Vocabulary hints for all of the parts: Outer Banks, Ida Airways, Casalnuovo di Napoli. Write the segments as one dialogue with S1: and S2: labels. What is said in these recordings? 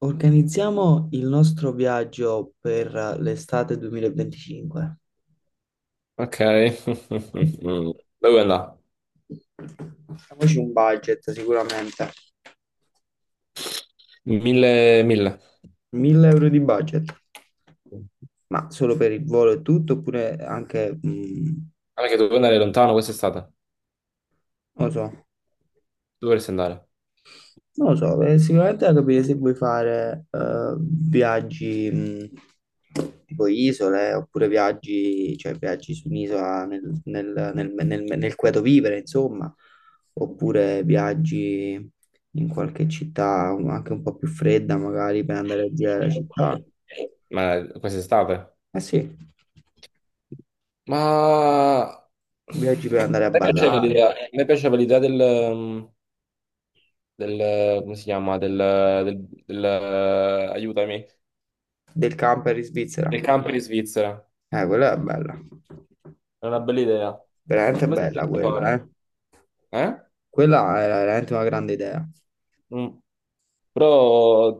S1: Organizziamo il nostro viaggio per l'estate 2025.
S2: Ok. Dove vuoi andare?
S1: Facciamoci un budget sicuramente.
S2: 1000, 1000.
S1: 1000 euro di budget, ma solo per il volo e tutto, oppure anche,
S2: Guarda che dovevo andare lontano quest'estate. Dove
S1: non lo so,
S2: dovresti andare?
S1: Sicuramente da capire se vuoi fare viaggi tipo isole oppure viaggi, cioè viaggi su un'isola nel cui tu vivere, insomma, oppure viaggi in qualche città anche un po' più fredda, magari per andare a girare la città.
S2: Ma quest'estate?
S1: Eh sì,
S2: Ma...
S1: viaggi per andare a
S2: A me piaceva
S1: ballare,
S2: l'idea a me piaceva l'idea del... come si chiama? Del... aiutami.
S1: del camper in
S2: Del
S1: Svizzera.
S2: camper in Svizzera.
S1: Quella è bella,
S2: È una bella idea.
S1: veramente
S2: Come si
S1: bella
S2: chiama
S1: quella,
S2: ancora?
S1: eh.
S2: Eh?
S1: Quella era veramente una grande idea.
S2: Mm. Però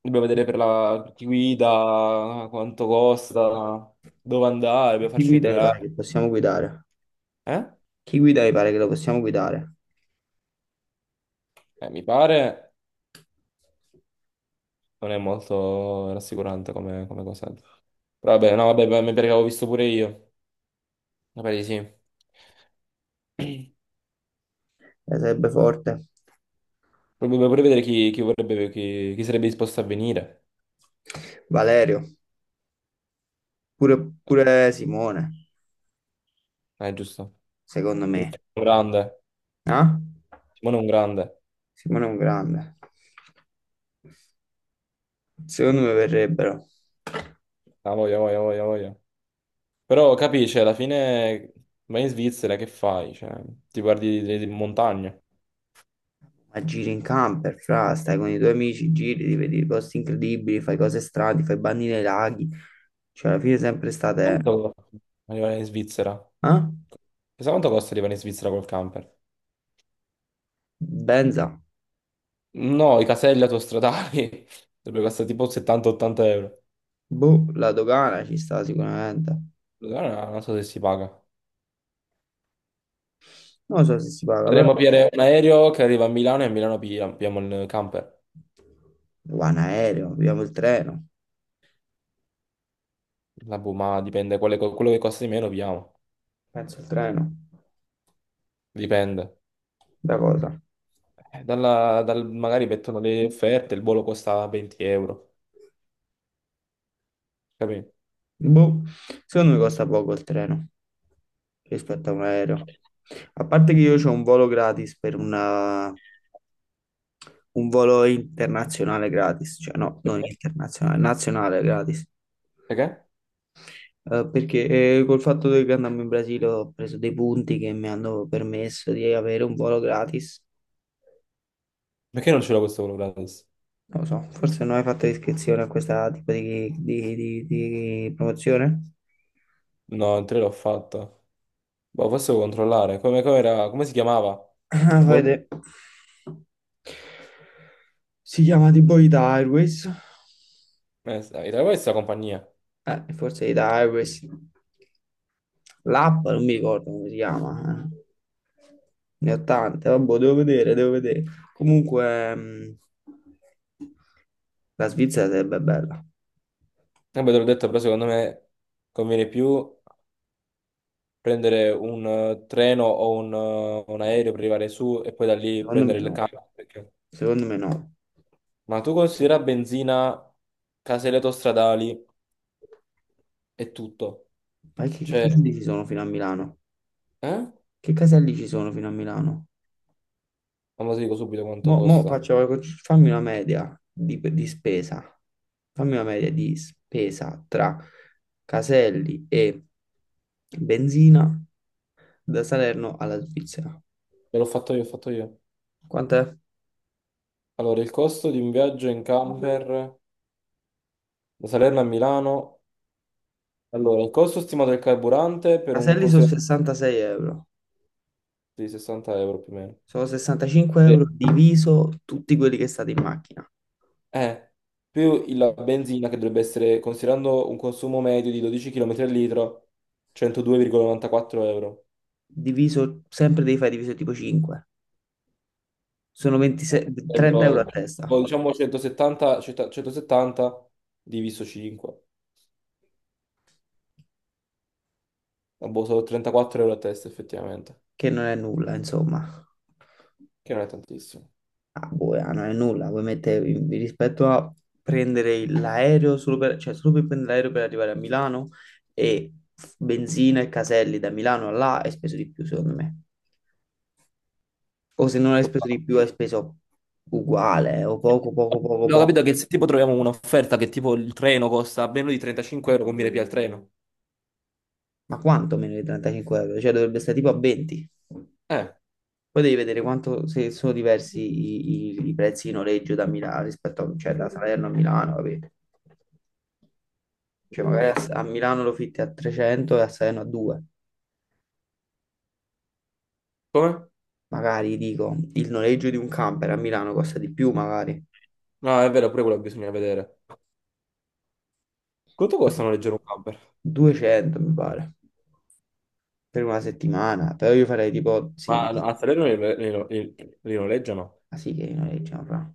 S2: dobbiamo vedere per la chi guida, quanto costa, dove andare, dobbiamo
S1: Chi
S2: farci un
S1: guida i pare
S2: itinerario.
S1: che possiamo guidare?
S2: Eh?
S1: Chi guida i pare che lo possiamo guidare?
S2: Mi pare non è molto rassicurante come cosa. Però vabbè, no, vabbè, mi pare che avevo visto pure io. Mi pare di sì.
S1: Sarebbe forte.
S2: Vorrebbe pure vedere chi vorrebbe, chi sarebbe disposto a venire.
S1: Valerio, pure, pure Simone,
S2: Giusto.
S1: secondo
S2: Un
S1: me.
S2: grande.
S1: No?
S2: Simone è un grande.
S1: Simone è un grande. Secondo me verrebbero.
S2: Ah, voglia, voglia, voglia, voglia. Però capisci, alla fine vai in Svizzera, che fai? Cioè, ti guardi le montagne.
S1: Ma giri in camper, fra, stai con i tuoi amici, giri, ti vedi posti incredibili, fai cose strane, fai bagni nei laghi. Cioè, alla fine sempre state.
S2: Quanto costa arrivare in Svizzera?
S1: Eh?
S2: Chissà quanto costa arrivare in Svizzera col camper?
S1: Benza.
S2: No, i caselli autostradali dovrebbero costare tipo 70-80 euro.
S1: Boh, la dogana ci sta sicuramente.
S2: Allora, non so se si paga.
S1: Non so se si paga, però.
S2: Potremmo pigliare un aereo che arriva a Milano e a Milano pigliamo il camper.
S1: Va in aereo, abbiamo il treno,
S2: La boh, ma dipende, quello che costa di meno pigliamo.
S1: penso il treno,
S2: Dipende.
S1: da cosa?
S2: Magari mettono le offerte, il volo costa 20 euro. Capito?
S1: Boh, secondo me costa poco il treno rispetto a un aereo. A parte che io ho un volo gratis per un volo internazionale gratis, cioè no, non
S2: Perché?
S1: internazionale, nazionale gratis.
S2: Perché?
S1: Perché col fatto che andando in Brasile ho preso dei punti che mi hanno permesso di avere un volo gratis.
S2: Perché non c'era questo volo gratis?
S1: Non lo so, forse non hai fatto iscrizione a questa tipo di promozione?
S2: No, il 3 l'ho fatto. Boh, forse devo controllare. Come, come si chiamava?
S1: Ah,
S2: Volo...
S1: vede. Si chiama tipo Ida Airways.
S2: Era questa compagnia.
S1: Forse Ida Airways. L'app non mi ricordo come si chiama. Ne ho tante, vabbè, devo vedere, devo vedere. Comunque, la Svizzera sarebbe bella.
S2: Vabbè, te l'ho detto, però secondo me conviene più prendere un treno o un aereo per arrivare su e poi da lì
S1: Secondo me
S2: prendere il
S1: no.
S2: carro.
S1: Secondo me no.
S2: Ma tu considera benzina, caselle autostradali e tutto.
S1: Ma che
S2: Cioè,
S1: caselli ci sono fino a Milano?
S2: eh?
S1: Che caselli ci sono fino a Milano?
S2: Ma lo dico subito quanto
S1: Mo
S2: costa.
S1: faccio, fammi una media di spesa. Fammi una media di spesa tra caselli e benzina da Salerno alla Svizzera.
S2: Ve l'ho fatto io, ho fatto io.
S1: Quanto è?
S2: Allora, il costo di un viaggio in camper da Salerno a Milano. Allora, il costo stimato del carburante per un
S1: Caselli sono
S2: considerato
S1: 66 euro.
S2: di 60 euro più o meno.
S1: Sono 65
S2: Sì.
S1: euro diviso tutti quelli che state in macchina.
S2: Eh, più
S1: Ok.
S2: la benzina che dovrebbe essere, considerando un consumo medio di 12 km al litro, 102,94 euro.
S1: Diviso, sempre devi fare diviso tipo 5. Sono
S2: Eh,
S1: 26 30 euro
S2: Sarebbero,
S1: a
S2: boh,
S1: testa,
S2: diciamo 170, 170 diviso 5. Ah, boh, sono 34 euro a testa effettivamente,
S1: che non è nulla, insomma.
S2: che non è tantissimo.
S1: Ah, boh, ah, non è nulla, vuoi mettere rispetto a prendere l'aereo solo per, cioè solo per prendere l'aereo per arrivare a Milano e benzina e caselli da Milano a là hai speso di più, secondo me. O se non hai speso di più, hai speso uguale o poco, poco, poco,
S2: Abbiamo
S1: poco.
S2: capito che se tipo troviamo un'offerta che tipo il treno costa meno di 35 euro, conviene più al treno.
S1: Ma quanto meno di 35 euro? Cioè dovrebbe stare tipo a 20.
S2: Eh,
S1: Poi devi vedere quanto se sono diversi i prezzi di noleggio da Milano rispetto a, cioè, da Salerno a Milano, vabbè. Cioè, magari
S2: ok.
S1: a Milano lo fitti a 300 e a Salerno a 2.
S2: Come?
S1: Magari, dico, il noleggio di un camper a Milano costa di più, magari.
S2: No, è vero, pure quello bisogna vedere. Quanto costano leggere un camper?
S1: 200, mi pare, per una settimana. Però io farei tipo,
S2: Ma
S1: sì, ma
S2: a Salerno li noleggiano?
S1: sì che li noleggiano, fra.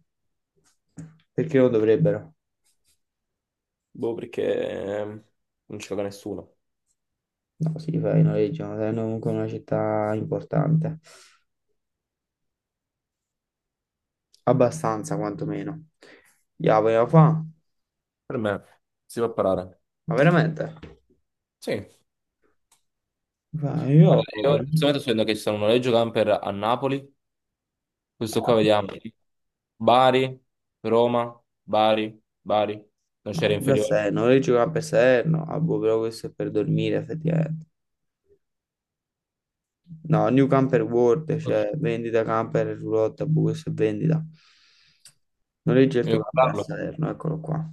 S1: Perché non dovrebbero?
S2: Boh, perché ehm, non ci gioca nessuno.
S1: No, sì, fra, li fai, noleggiano, Salerno è comunque una città importante. Abbastanza, quantomeno. Ya, vogliamo fa?
S2: Per me si può parare.
S1: Ma veramente?
S2: Sì.
S1: Ma io.
S2: Guarda, io in questo momento sto vedendo che ci sono un noleggio camper a Napoli. Questo qua vediamo. Sì. Bari, Roma, Bari, Bari. Non c'era
S1: Da
S2: inferiore.
S1: Serno, io giocavo per Serno, ah, boh, però questo è per dormire effettivamente. No, New Camper World,
S2: Voglio
S1: cioè vendita camper e roulotte, boh, questo è vendita. Noleggia il tuo camper a
S2: comprarlo.
S1: Salerno, eccolo qua.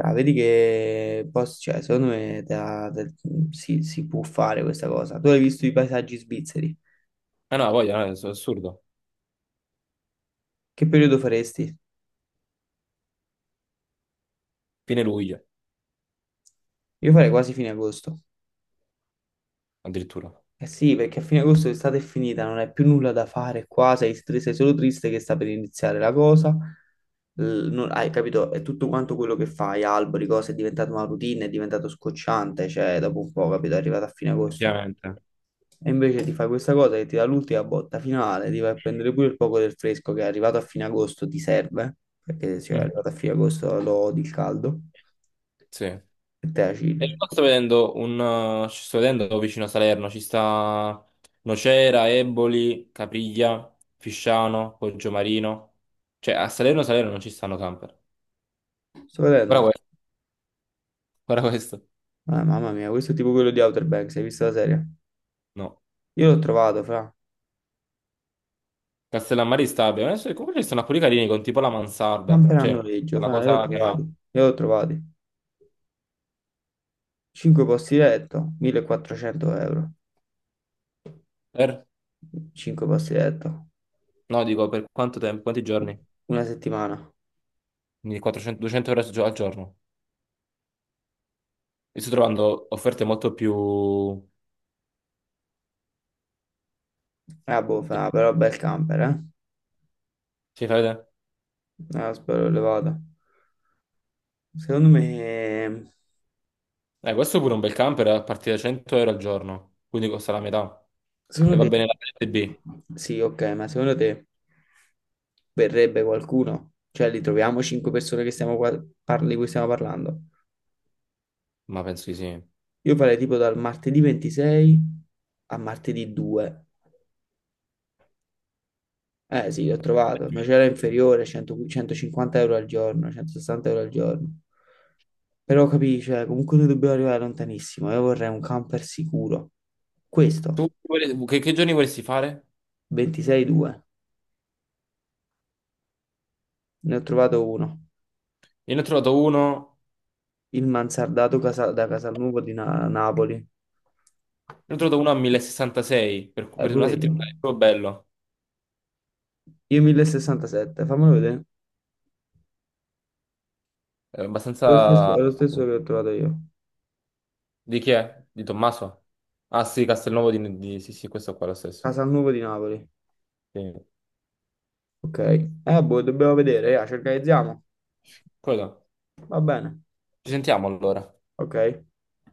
S1: Ah, vedi che posso, cioè, secondo me si può fare questa cosa. Tu hai visto i paesaggi svizzeri?
S2: Eh no, no, è assurdo.
S1: Che periodo faresti?
S2: Fine luglio,
S1: Io farei quasi fine agosto.
S2: addirittura.
S1: Eh sì, perché a fine agosto l'estate è finita, non hai più nulla da fare qua, sei solo triste che sta per iniziare la cosa. Hai capito? È tutto quanto quello che fai, alberi, cose, è diventato una routine, è diventato scocciante, cioè dopo un po', capito, è arrivato a fine agosto.
S2: Effettivamente.
S1: E invece ti fai questa cosa che ti dà l'ultima botta finale, ti vai a prendere pure il poco del fresco che è arrivato a fine agosto, ti serve, perché se è
S2: Mhm.
S1: arrivato a fine agosto lo odi il caldo,
S2: Sì. E
S1: e te la chilli.
S2: qua ci sto vedendo vicino a Salerno, ci sta Nocera, Eboli, Capriglia, Fisciano, Poggiomarino. Cioè a Salerno Salerno non ci stanno camper.
S1: Sto
S2: Guarda
S1: vedendo?
S2: questo, guarda questo.
S1: Ah, mamma mia, questo è tipo quello di Outer Banks, hai visto la serie?
S2: No.
S1: Io l'ho trovato, fra.
S2: Castellammari Stabia. Adesso comunque ci stanno alcuni carini con tipo la mansarda. Cioè
S1: Camperanno Reggio,
S2: la
S1: fra, io l'ho
S2: cosa che
S1: trovato.
S2: ha...
S1: Io l'ho trovato. 5 posti letto, 1400 euro.
S2: Per...
S1: 5 posti letto.
S2: No, dico per quanto tempo, quanti giorni?
S1: Una settimana.
S2: Quindi 400, 200 euro al al giorno. E sto trovando offerte molto più...
S1: Boh, fra, però bel camper, eh.
S2: Ci fai vedere?
S1: Spero elevato. Secondo me.
S2: Questo è pure un bel camper, a partire da 100 euro al giorno, quindi costa la metà. E
S1: Secondo
S2: va
S1: te.
S2: bene la parte B?
S1: Sì, ok, ma secondo te verrebbe qualcuno? Cioè, li troviamo 5 persone che stiamo di cui stiamo parlando?
S2: Ma penso di sì.
S1: Io farei tipo dal martedì 26 a martedì 2. Eh sì, ho trovato, ma c'era inferiore, 100 150 euro al giorno, 160 euro al giorno. Però capisci, cioè, comunque noi dobbiamo arrivare lontanissimo. Io vorrei un camper sicuro. Questo,
S2: Tu che giorni vorresti fare?
S1: 26,2, ne ho trovato uno.
S2: Io ne ho trovato uno,
S1: Il mansardato da Casalnuovo di Napoli.
S2: ne ho trovato uno a 1066 per, per una
S1: Pure io.
S2: settimana, è proprio bello.
S1: Io 1067, fammelo vedere.
S2: È
S1: È lo stesso,
S2: abbastanza...
S1: è lo stesso che ho trovato io.
S2: Di chi è? Di Tommaso? Ah sì, Castelnuovo di... Sì, sì, questo qua è lo stesso.
S1: Casalnuovo di Napoli.
S2: Sì.
S1: Ok. Boh, dobbiamo vedere, ci organizziamo.
S2: Quello.
S1: Va bene.
S2: Ci sentiamo allora.
S1: Ok.